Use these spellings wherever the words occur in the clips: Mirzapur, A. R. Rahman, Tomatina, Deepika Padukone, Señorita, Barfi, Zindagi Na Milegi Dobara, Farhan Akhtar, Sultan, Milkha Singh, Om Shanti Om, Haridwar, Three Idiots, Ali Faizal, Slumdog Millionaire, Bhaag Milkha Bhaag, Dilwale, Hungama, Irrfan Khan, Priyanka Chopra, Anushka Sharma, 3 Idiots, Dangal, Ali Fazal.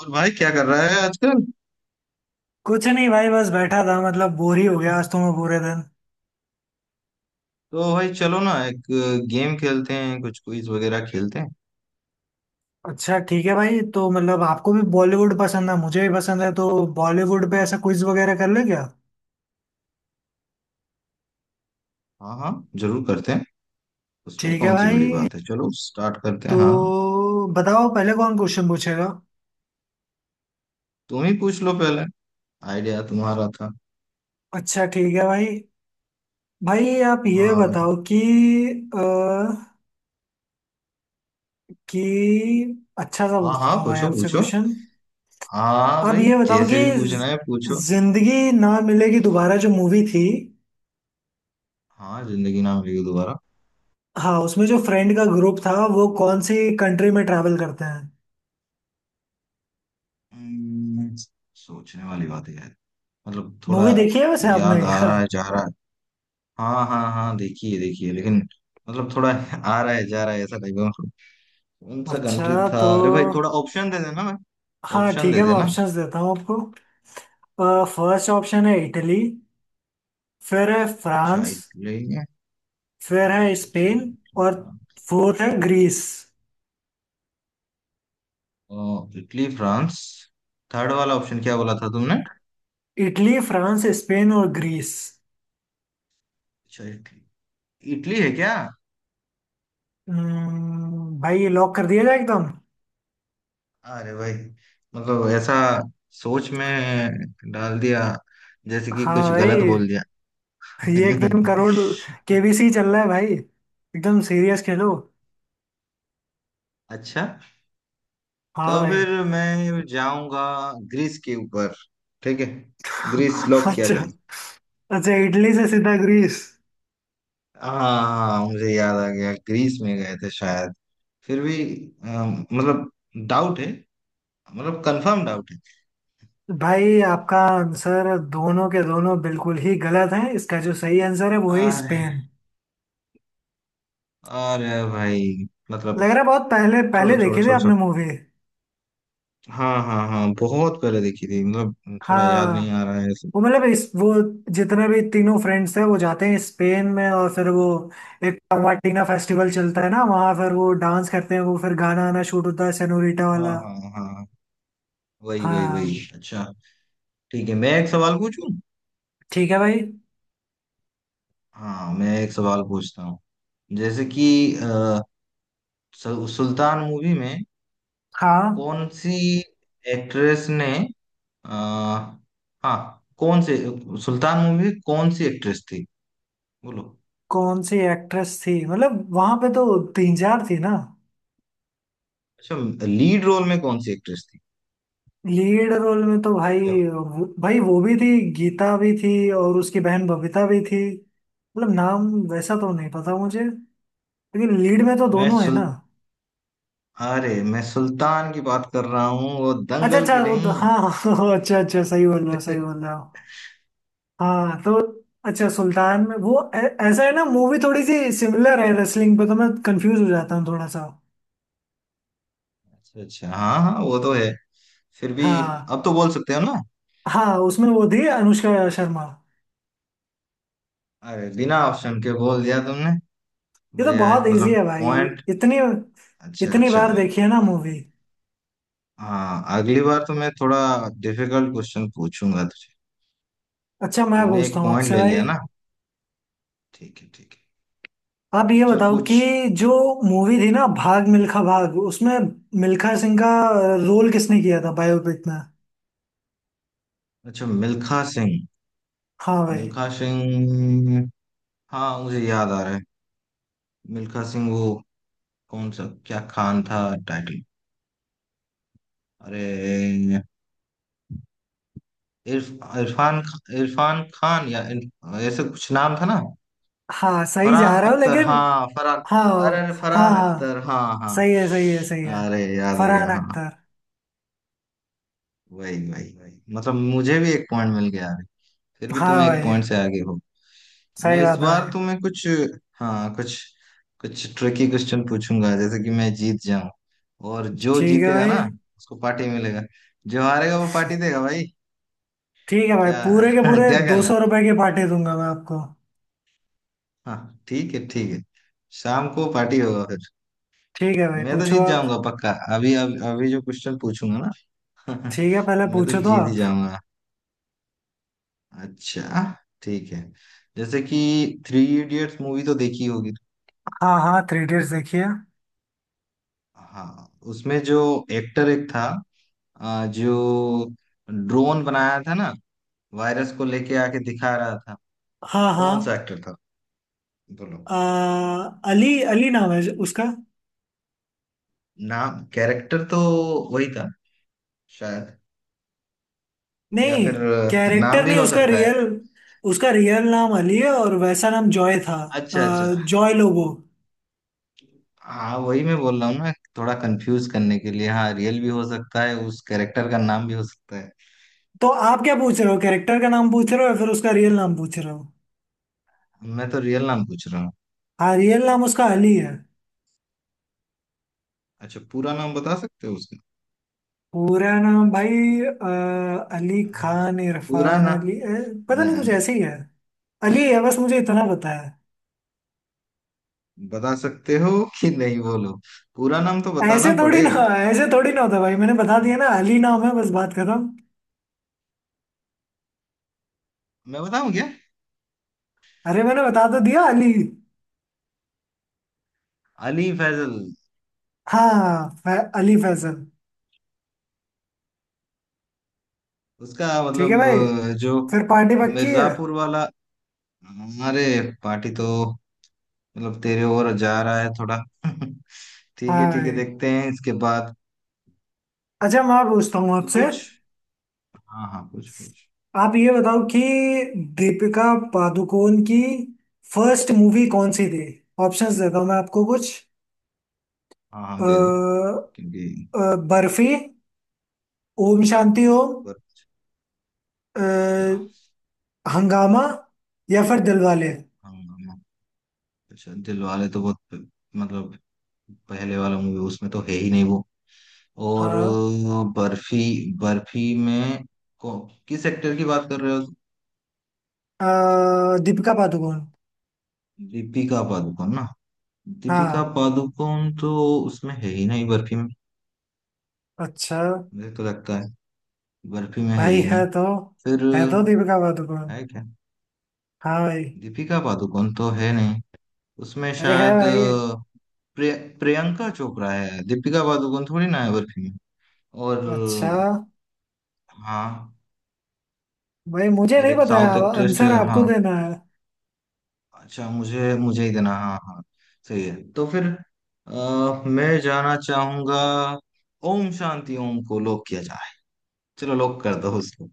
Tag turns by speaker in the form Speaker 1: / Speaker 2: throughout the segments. Speaker 1: और भाई क्या कर रहा है आजकल?
Speaker 2: कुछ नहीं भाई। बस बैठा था मतलब बोर ही हो गया आज तो मैं पूरे दिन।
Speaker 1: तो भाई चलो ना एक गेम खेलते हैं, कुछ क्विज वगैरह खेलते हैं।
Speaker 2: अच्छा ठीक है भाई। तो मतलब आपको भी बॉलीवुड पसंद है, मुझे भी पसंद है, तो बॉलीवुड पे ऐसा क्विज वगैरह कर ले क्या।
Speaker 1: हाँ हाँ, जरूर करते हैं। उसमें
Speaker 2: ठीक है
Speaker 1: कौन सी
Speaker 2: भाई।
Speaker 1: बड़ी बात है, चलो स्टार्ट करते हैं।
Speaker 2: तो
Speaker 1: हाँ।
Speaker 2: बताओ पहले कौन क्वेश्चन पूछेगा।
Speaker 1: तुम ही पूछ लो पहले, आइडिया तुम्हारा था।
Speaker 2: अच्छा ठीक है भाई। भाई आप ये
Speaker 1: हाँ भाई।
Speaker 2: बताओ कि, अ, कि अच्छा सा
Speaker 1: हाँ हाँ,
Speaker 2: पूछता हूँ भाई
Speaker 1: पूछो
Speaker 2: आपसे
Speaker 1: पूछो।
Speaker 2: क्वेश्चन।
Speaker 1: हाँ
Speaker 2: आप
Speaker 1: भाई,
Speaker 2: ये बताओ कि
Speaker 1: जैसे भी पूछना है पूछो।
Speaker 2: जिंदगी ना मिलेगी दोबारा जो मूवी थी,
Speaker 1: हाँ, जिंदगी ना मिलेगी दोबारा।
Speaker 2: हाँ, उसमें जो फ्रेंड का ग्रुप था वो कौन सी कंट्री में ट्रैवल करते हैं।
Speaker 1: हम्म, सोचने वाली बात है यार। मतलब थोड़ा
Speaker 2: मूवी देखी है वैसे आपने
Speaker 1: याद आ
Speaker 2: क्या।
Speaker 1: रहा है जा रहा है। हाँ हाँ हाँ, देखिए देखिए, लेकिन मतलब थोड़ा आ रहा है जा रहा है ऐसा टाइप। कौन सा कंट्री
Speaker 2: अच्छा
Speaker 1: था,
Speaker 2: तो
Speaker 1: अरे भाई थोड़ा ऑप्शन दे देना। मैं
Speaker 2: हाँ
Speaker 1: ऑप्शन
Speaker 2: ठीक
Speaker 1: दे
Speaker 2: है, मैं
Speaker 1: देना।
Speaker 2: ऑप्शंस देता हूँ आपको। फर्स्ट ऑप्शन है इटली। फिर है
Speaker 1: अच्छा
Speaker 2: फ्रांस।
Speaker 1: इटली है,
Speaker 2: फिर है
Speaker 1: फ्रांस, अच्छा।
Speaker 2: स्पेन।
Speaker 1: इटली
Speaker 2: और
Speaker 1: फ्रांस।
Speaker 2: फोर्थ है ग्रीस।
Speaker 1: Italy France. थर्ड वाला ऑप्शन क्या बोला था तुमने?
Speaker 2: इटली, फ्रांस, स्पेन और ग्रीस।
Speaker 1: अच्छा इटली। इटली है क्या?
Speaker 2: भाई लॉक कर दिया जाए एकदम।
Speaker 1: अरे भाई मतलब ऐसा सोच में डाल दिया जैसे कि
Speaker 2: हाँ
Speaker 1: कुछ
Speaker 2: भाई।
Speaker 1: गलत बोल दिया।
Speaker 2: ये एकदम करोड़ केबीसी चल रहा है भाई, एकदम सीरियस खेलो।
Speaker 1: अच्छा,
Speaker 2: हाँ
Speaker 1: तो
Speaker 2: भाई।
Speaker 1: फिर मैं जाऊंगा ग्रीस के ऊपर। ठीक है। ग्रीस लॉक किया
Speaker 2: अच्छा।
Speaker 1: जाए।
Speaker 2: अच्छा, इटली से सीधा ग्रीस।
Speaker 1: हाँ, मुझे याद आ गया, ग्रीस में गए थे शायद। फिर भी मतलब डाउट है। मतलब कंफर्म डाउट है।
Speaker 2: भाई आपका आंसर दोनों के दोनों बिल्कुल ही गलत है। इसका जो सही आंसर है वो है
Speaker 1: अरे।
Speaker 2: स्पेन।
Speaker 1: अरे भाई मतलब।
Speaker 2: लग रहा है बहुत पहले पहले
Speaker 1: छोड़ो छोड़ो
Speaker 2: देखी थी
Speaker 1: छोड़ो
Speaker 2: आपने
Speaker 1: छोड़ो।
Speaker 2: मूवी।
Speaker 1: हाँ हाँ हाँ, बहुत पहले देखी थी, मतलब थोड़ा याद नहीं
Speaker 2: हाँ,
Speaker 1: आ रहा है ऐसे।
Speaker 2: वो मतलब इस, वो जितने भी तीनों फ्रेंड्स हैं वो जाते हैं स्पेन में, और फिर वो एक टमाटीना फेस्टिवल चलता है ना वहाँ। फिर वो डांस करते हैं। वो फिर गाना आना शूट होता है सेनोरिटा
Speaker 1: हाँ
Speaker 2: वाला।
Speaker 1: हाँ हाँ, वही वही वही,
Speaker 2: हाँ
Speaker 1: अच्छा। ठीक है, मैं एक सवाल पूछूं।
Speaker 2: ठीक है भाई।
Speaker 1: हाँ, मैं एक सवाल पूछता हूँ। जैसे कि अ, सुल्तान मूवी में
Speaker 2: हाँ,
Speaker 1: कौन सी एक्ट्रेस ने आ, हाँ कौन से, सुल्तान मूवी में कौन सी एक्ट्रेस थी? बोलो।
Speaker 2: कौन सी एक्ट्रेस थी मतलब वहां पे तो तीन चार थी ना।
Speaker 1: अच्छा, लीड रोल में कौन सी एक्ट्रेस थी?
Speaker 2: लीड रोल में तो भाई,
Speaker 1: क्या बात?
Speaker 2: भाई वो भी थी, गीता भी थी और उसकी बहन बबीता भी थी। मतलब नाम वैसा तो नहीं पता मुझे, लेकिन लीड में तो
Speaker 1: मैं
Speaker 2: दोनों है
Speaker 1: सुल
Speaker 2: ना।
Speaker 1: अरे मैं सुल्तान की बात कर रहा हूँ, वो
Speaker 2: अच्छा
Speaker 1: दंगल
Speaker 2: अच्छा,
Speaker 1: की नहीं।
Speaker 2: हाँ। हाँ, हाँ, अच्छा अच्छा, सही बोल रहे हो सही बोल रहे हो।
Speaker 1: अच्छा
Speaker 2: हाँ तो अच्छा, सुल्तान में वो ऐसा है ना, मूवी थोड़ी सी सिमिलर है रेसलिंग पे, तो मैं कंफ्यूज हो जाता हूँ थोड़ा सा।
Speaker 1: अच्छा। हाँ हाँ, वो तो है। फिर भी
Speaker 2: हाँ
Speaker 1: अब तो बोल सकते हो ना।
Speaker 2: हाँ, उसमें वो थी अनुष्का शर्मा।
Speaker 1: अरे, बिना ऑप्शन के बोल दिया तुमने।
Speaker 2: ये तो
Speaker 1: बढ़िया
Speaker 2: बहुत
Speaker 1: है,
Speaker 2: इजी
Speaker 1: मतलब
Speaker 2: है भाई।
Speaker 1: पॉइंट।
Speaker 2: इतनी
Speaker 1: अच्छा
Speaker 2: इतनी
Speaker 1: अच्छा।
Speaker 2: बार देखी है ना मूवी।
Speaker 1: हाँ, अगली बार तो मैं थोड़ा डिफिकल्ट क्वेश्चन पूछूंगा तुझे।
Speaker 2: अच्छा, मैं
Speaker 1: तूने
Speaker 2: पूछता
Speaker 1: एक
Speaker 2: हूँ
Speaker 1: पॉइंट
Speaker 2: आपसे
Speaker 1: ले
Speaker 2: भाई।
Speaker 1: लिया ना। ठीक है ठीक है।
Speaker 2: आप ये
Speaker 1: चल
Speaker 2: बताओ
Speaker 1: पूछ।
Speaker 2: कि जो मूवी थी ना भाग मिल्खा भाग, उसमें मिल्खा सिंह का रोल किसने किया था बायोपिक में।
Speaker 1: अच्छा, मिल्खा सिंह।
Speaker 2: हाँ भाई।
Speaker 1: मिल्खा सिंह। हाँ, मुझे याद आ रहा है। मिल्खा सिंह वो कौन सा, क्या खान था, टाइटल। अरे, इरफान खान या ऐसे कुछ नाम था ना।
Speaker 2: हाँ सही जा
Speaker 1: फरहान
Speaker 2: रहा हूँ
Speaker 1: अख्तर,
Speaker 2: लेकिन।
Speaker 1: हाँ फरहान।
Speaker 2: हाँ
Speaker 1: अरे अरे,
Speaker 2: हाँ
Speaker 1: फरहान
Speaker 2: हाँ,
Speaker 1: अख्तर, हाँ हाँ।
Speaker 2: सही है सही है सही है।
Speaker 1: अरे याद आ गया,
Speaker 2: फरहान
Speaker 1: हाँ।
Speaker 2: अख्तर।
Speaker 1: वही वही वही, मतलब मुझे भी एक पॉइंट मिल गया, अरे। फिर भी
Speaker 2: हाँ
Speaker 1: तुम एक
Speaker 2: भाई,
Speaker 1: पॉइंट से आगे हो। मैं
Speaker 2: सही
Speaker 1: इस
Speaker 2: बात है
Speaker 1: बार
Speaker 2: भाई।
Speaker 1: तुम्हें कुछ, हाँ कुछ कुछ ट्रिकी क्वेश्चन पूछूंगा, जैसे कि मैं जीत जाऊं। और जो
Speaker 2: ठीक है
Speaker 1: जीतेगा
Speaker 2: भाई।
Speaker 1: ना, उसको पार्टी मिलेगा, जो हारेगा वो पार्टी देगा भाई।
Speaker 2: ठीक है भाई,
Speaker 1: क्या!
Speaker 2: पूरे के पूरे
Speaker 1: क्या
Speaker 2: दो
Speaker 1: कहना है।
Speaker 2: सौ रुपए के पार्टी दूंगा मैं आपको।
Speaker 1: हाँ ठीक है ठीक है। शाम को पार्टी होगा फिर।
Speaker 2: ठीक है भाई
Speaker 1: मैं तो
Speaker 2: पूछो
Speaker 1: जीत
Speaker 2: आप।
Speaker 1: जाऊंगा पक्का। अभी अभी, अभी जो क्वेश्चन पूछूंगा ना
Speaker 2: ठीक है पहले
Speaker 1: मैं तो
Speaker 2: पूछो तो
Speaker 1: जीत ही
Speaker 2: आप।
Speaker 1: जाऊंगा। अच्छा ठीक है। जैसे कि थ्री इडियट्स मूवी तो देखी होगी।
Speaker 2: हाँ हाँ, थ्री इडियट्स देखिए।
Speaker 1: हाँ, उसमें जो एक्टर एक था, जो ड्रोन बनाया था ना, वायरस को लेके आके दिखा रहा था,
Speaker 2: हाँ हाँ।
Speaker 1: कौन सा एक्टर था? बोलो।
Speaker 2: आ, अली अली नाम है उसका।
Speaker 1: नाम कैरेक्टर तो वही था शायद, या
Speaker 2: नहीं,
Speaker 1: फिर नाम
Speaker 2: कैरेक्टर
Speaker 1: भी
Speaker 2: नहीं
Speaker 1: हो
Speaker 2: उसका
Speaker 1: सकता है।
Speaker 2: रियल। उसका रियल नाम अली है और वैसा नाम जॉय था।
Speaker 1: अच्छा अच्छा।
Speaker 2: जॉय लोबो।
Speaker 1: हाँ वही मैं बोल रहा हूँ, मैं थोड़ा कंफ्यूज करने के लिए। हाँ, रियल भी हो सकता है, उस कैरेक्टर का नाम भी हो सकता है।
Speaker 2: तो आप क्या पूछ रहे हो, कैरेक्टर का नाम पूछ रहे हो या फिर उसका रियल नाम पूछ रहे हो।
Speaker 1: मैं तो रियल नाम पूछ रहा हूँ।
Speaker 2: हाँ, रियल नाम उसका अली है।
Speaker 1: अच्छा, पूरा नाम बता सकते हो उसका?
Speaker 2: पूरा नाम भाई। आ, अली खान,
Speaker 1: पूरा
Speaker 2: इरफान
Speaker 1: नाम
Speaker 2: अली, पता नहीं कुछ
Speaker 1: न-
Speaker 2: ऐसे ही है। अली है, बस मुझे इतना पता है।
Speaker 1: बता सकते हो कि नहीं, बोलो। पूरा नाम तो
Speaker 2: ऐसे
Speaker 1: बताना
Speaker 2: थोड़ी ना
Speaker 1: पड़ेगा।
Speaker 2: ऐसे थोड़ी ना होता भाई, मैंने बता दिया ना अली नाम है, बस बात खत्म।
Speaker 1: मैं बताऊं क्या?
Speaker 2: अरे मैंने बता तो दिया अली।
Speaker 1: अली फैजल।
Speaker 2: हाँ, अली फैजल।
Speaker 1: उसका
Speaker 2: ठीक है
Speaker 1: मतलब
Speaker 2: भाई,
Speaker 1: जो
Speaker 2: फिर पार्टी पक्की है।
Speaker 1: मिर्जापुर वाला। अरे, पार्टी तो मतलब तेरे ओर जा रहा है थोड़ा। ठीक है
Speaker 2: हाँ
Speaker 1: ठीक है,
Speaker 2: भाई।
Speaker 1: देखते हैं इसके बाद।
Speaker 2: अच्छा, मैं पूछता हूँ
Speaker 1: तो
Speaker 2: आपसे।
Speaker 1: कुछ, हाँ हाँ, कुछ कुछ।
Speaker 2: आप ये बताओ कि दीपिका पादुकोण की फर्स्ट मूवी कौन सी थी। ऑप्शंस देता हूँ मैं आपको कुछ।
Speaker 1: हाँ, हम दे दो
Speaker 2: अ,
Speaker 1: क्योंकि।
Speaker 2: बर्फी, ओम शांति ओम,
Speaker 1: अच्छा,
Speaker 2: अ, हंगामा या फिर दिलवाले।
Speaker 1: हाँ, हाँ, अच्छा, दिल वाले तो बहुत मतलब पहले वाला मूवी, उसमें तो है ही नहीं वो। और
Speaker 2: हाँ,
Speaker 1: बर्फी। बर्फी में को, किस एक्टर की बात कर रहे हो?
Speaker 2: दीपिका पादुकोण।
Speaker 1: दीपिका पादुकोण ना। दीपिका
Speaker 2: हाँ,
Speaker 1: पादुकोण तो उसमें है ही नहीं, बर्फी में।
Speaker 2: अच्छा
Speaker 1: मुझे तो लगता है बर्फी में है
Speaker 2: भाई।
Speaker 1: ही
Speaker 2: है
Speaker 1: नहीं।
Speaker 2: तो
Speaker 1: फिर
Speaker 2: है तो दीपिका पादुकोण।
Speaker 1: है क्या?
Speaker 2: हाँ भाई।
Speaker 1: दीपिका पादुकोण तो है नहीं। उसमें
Speaker 2: अरे, है
Speaker 1: शायद
Speaker 2: भाई।
Speaker 1: प्रिय, प्रियंका चोपड़ा है, दीपिका पादुकोण थोड़ी ना है बर्फी में।
Speaker 2: अच्छा
Speaker 1: और हाँ।
Speaker 2: भाई, मुझे
Speaker 1: और
Speaker 2: नहीं
Speaker 1: एक
Speaker 2: पता है,
Speaker 1: साउथ एक्ट्रेस
Speaker 2: आंसर
Speaker 1: है।
Speaker 2: आपको
Speaker 1: हाँ।
Speaker 2: देना है।
Speaker 1: अच्छा, मुझे मुझे ही देना, हाँ हाँ। सही है, तो फिर मैं जाना चाहूंगा, ओम शांति ओम को लॉक किया जाए। चलो लॉक कर दो उसको।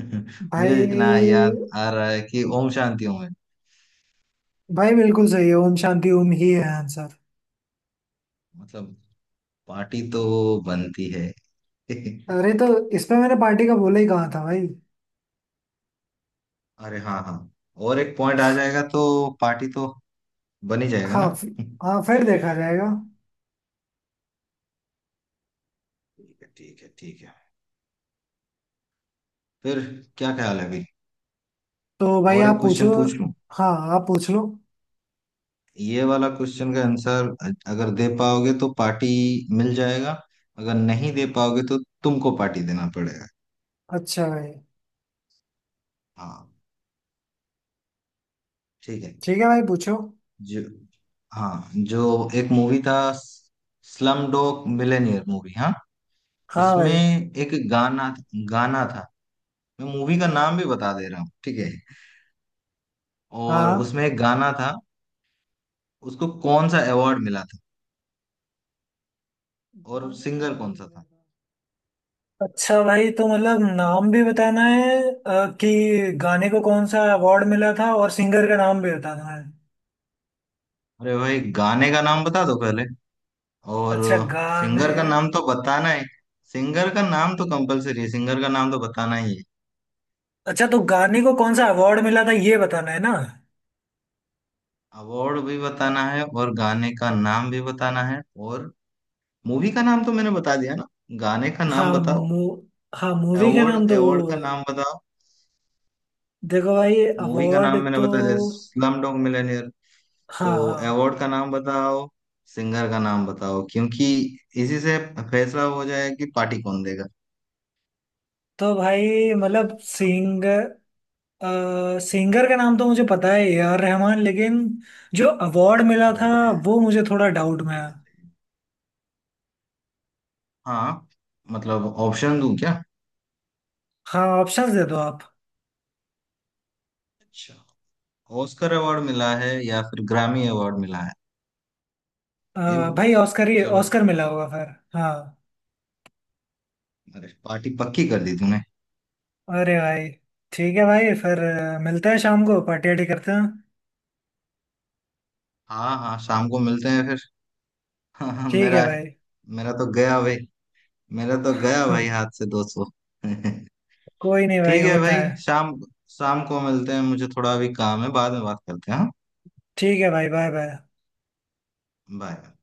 Speaker 1: मुझे
Speaker 2: भाई
Speaker 1: जितना याद आ रहा है कि ओम शांति ओम है।
Speaker 2: भाई, बिल्कुल सही है, ओम शांति ओम ही है आंसर।
Speaker 1: मतलब पार्टी तो बनती है।
Speaker 2: अरे तो इसमें मैंने पार्टी का बोला ही कहा था भाई।
Speaker 1: अरे हाँ हाँ। और एक पॉइंट आ जाएगा तो पार्टी तो बन ही जाएगा ना।
Speaker 2: हाँ हाँ फिर देखा जाएगा।
Speaker 1: ठीक है ठीक है ठीक है। फिर क्या ख्याल है अभी?
Speaker 2: तो भाई
Speaker 1: और
Speaker 2: आप
Speaker 1: एक
Speaker 2: पूछो।
Speaker 1: क्वेश्चन पूछ लूं।
Speaker 2: हाँ, आप पूछ लो।
Speaker 1: ये वाला क्वेश्चन का आंसर अगर दे पाओगे तो पार्टी मिल जाएगा, अगर नहीं दे पाओगे तो तुमको पार्टी देना पड़ेगा।
Speaker 2: अच्छा भाई।
Speaker 1: हाँ ठीक है।
Speaker 2: ठीक है भाई पूछो।
Speaker 1: जो हाँ, जो एक मूवी था स्लम डॉग मिलेनियर मूवी, हाँ,
Speaker 2: हाँ
Speaker 1: उसमें
Speaker 2: भाई।
Speaker 1: एक गाना गाना था। मैं मूवी का नाम भी बता दे रहा हूँ, ठीक है, और उसमें एक
Speaker 2: हाँ।
Speaker 1: गाना था, उसको कौन सा अवार्ड मिला था और सिंगर कौन सा था?
Speaker 2: अच्छा भाई, तो मतलब नाम भी बताना है, कि गाने को कौन सा अवार्ड मिला था और सिंगर का नाम भी बताना है।
Speaker 1: अरे भाई गाने का नाम बता दो पहले, और
Speaker 2: अच्छा गाने।
Speaker 1: सिंगर का नाम तो बताना है, सिंगर का नाम तो कंपलसरी है, सिंगर का नाम तो बताना ही है।
Speaker 2: अच्छा तो गाने को कौन सा अवार्ड मिला था ये बताना है ना।
Speaker 1: अवार्ड भी बताना है और गाने का नाम भी बताना है, और मूवी का नाम तो मैंने बता दिया ना। गाने का नाम
Speaker 2: हाँ
Speaker 1: बताओ।
Speaker 2: मू हाँ मूवी का नाम
Speaker 1: अवार्ड
Speaker 2: तो
Speaker 1: अवार्ड का
Speaker 2: वो।
Speaker 1: नाम बताओ।
Speaker 2: देखो भाई,
Speaker 1: मूवी का
Speaker 2: अवार्ड
Speaker 1: नाम मैंने
Speaker 2: तो।
Speaker 1: बता दिया, स्लम डॉग मिलियनेयर,
Speaker 2: हाँ
Speaker 1: तो
Speaker 2: हाँ।
Speaker 1: अवार्ड का नाम बताओ, सिंगर का नाम बताओ, क्योंकि इसी से फैसला हो जाएगा कि पार्टी कौन देगा।
Speaker 2: तो भाई मतलब
Speaker 1: बताओ, बताओ।
Speaker 2: सिंगर सिंगर का नाम तो मुझे पता है ए आर रहमान, लेकिन जो अवार्ड मिला
Speaker 1: अरे भाई
Speaker 2: था
Speaker 1: बढ़िया है।
Speaker 2: वो मुझे थोड़ा डाउट में
Speaker 1: सही
Speaker 2: है।
Speaker 1: है, सही है। हाँ, मतलब ऑप्शन दूं क्या?
Speaker 2: हाँ, ऑप्शंस दे दो आप।
Speaker 1: अच्छा, ऑस्कर अवार्ड मिला है या फिर ग्रामी अवार्ड मिला है,
Speaker 2: अ,
Speaker 1: ये बोलो।
Speaker 2: भाई, ऑस्कर ही
Speaker 1: चलो,
Speaker 2: ऑस्कर मिला होगा फिर हाँ।
Speaker 1: अरे पार्टी पक्की कर दी तूने।
Speaker 2: अरे भाई। ठीक है भाई, फिर मिलते हैं शाम को, पार्टी वार्टी करते हैं।
Speaker 1: हाँ हाँ, शाम को मिलते हैं फिर। हाँ हाँ,
Speaker 2: ठीक है
Speaker 1: मेरा
Speaker 2: भाई।
Speaker 1: मेरा तो गया भाई, मेरा तो गया भाई हाथ से 200। ठीक
Speaker 2: कोई नहीं भाई,
Speaker 1: है
Speaker 2: होता
Speaker 1: भाई,
Speaker 2: है।
Speaker 1: शाम शाम को मिलते हैं, मुझे थोड़ा अभी काम है, बाद में बात करते हैं, हाँ।
Speaker 2: ठीक है भाई, बाय बाय।
Speaker 1: बाय।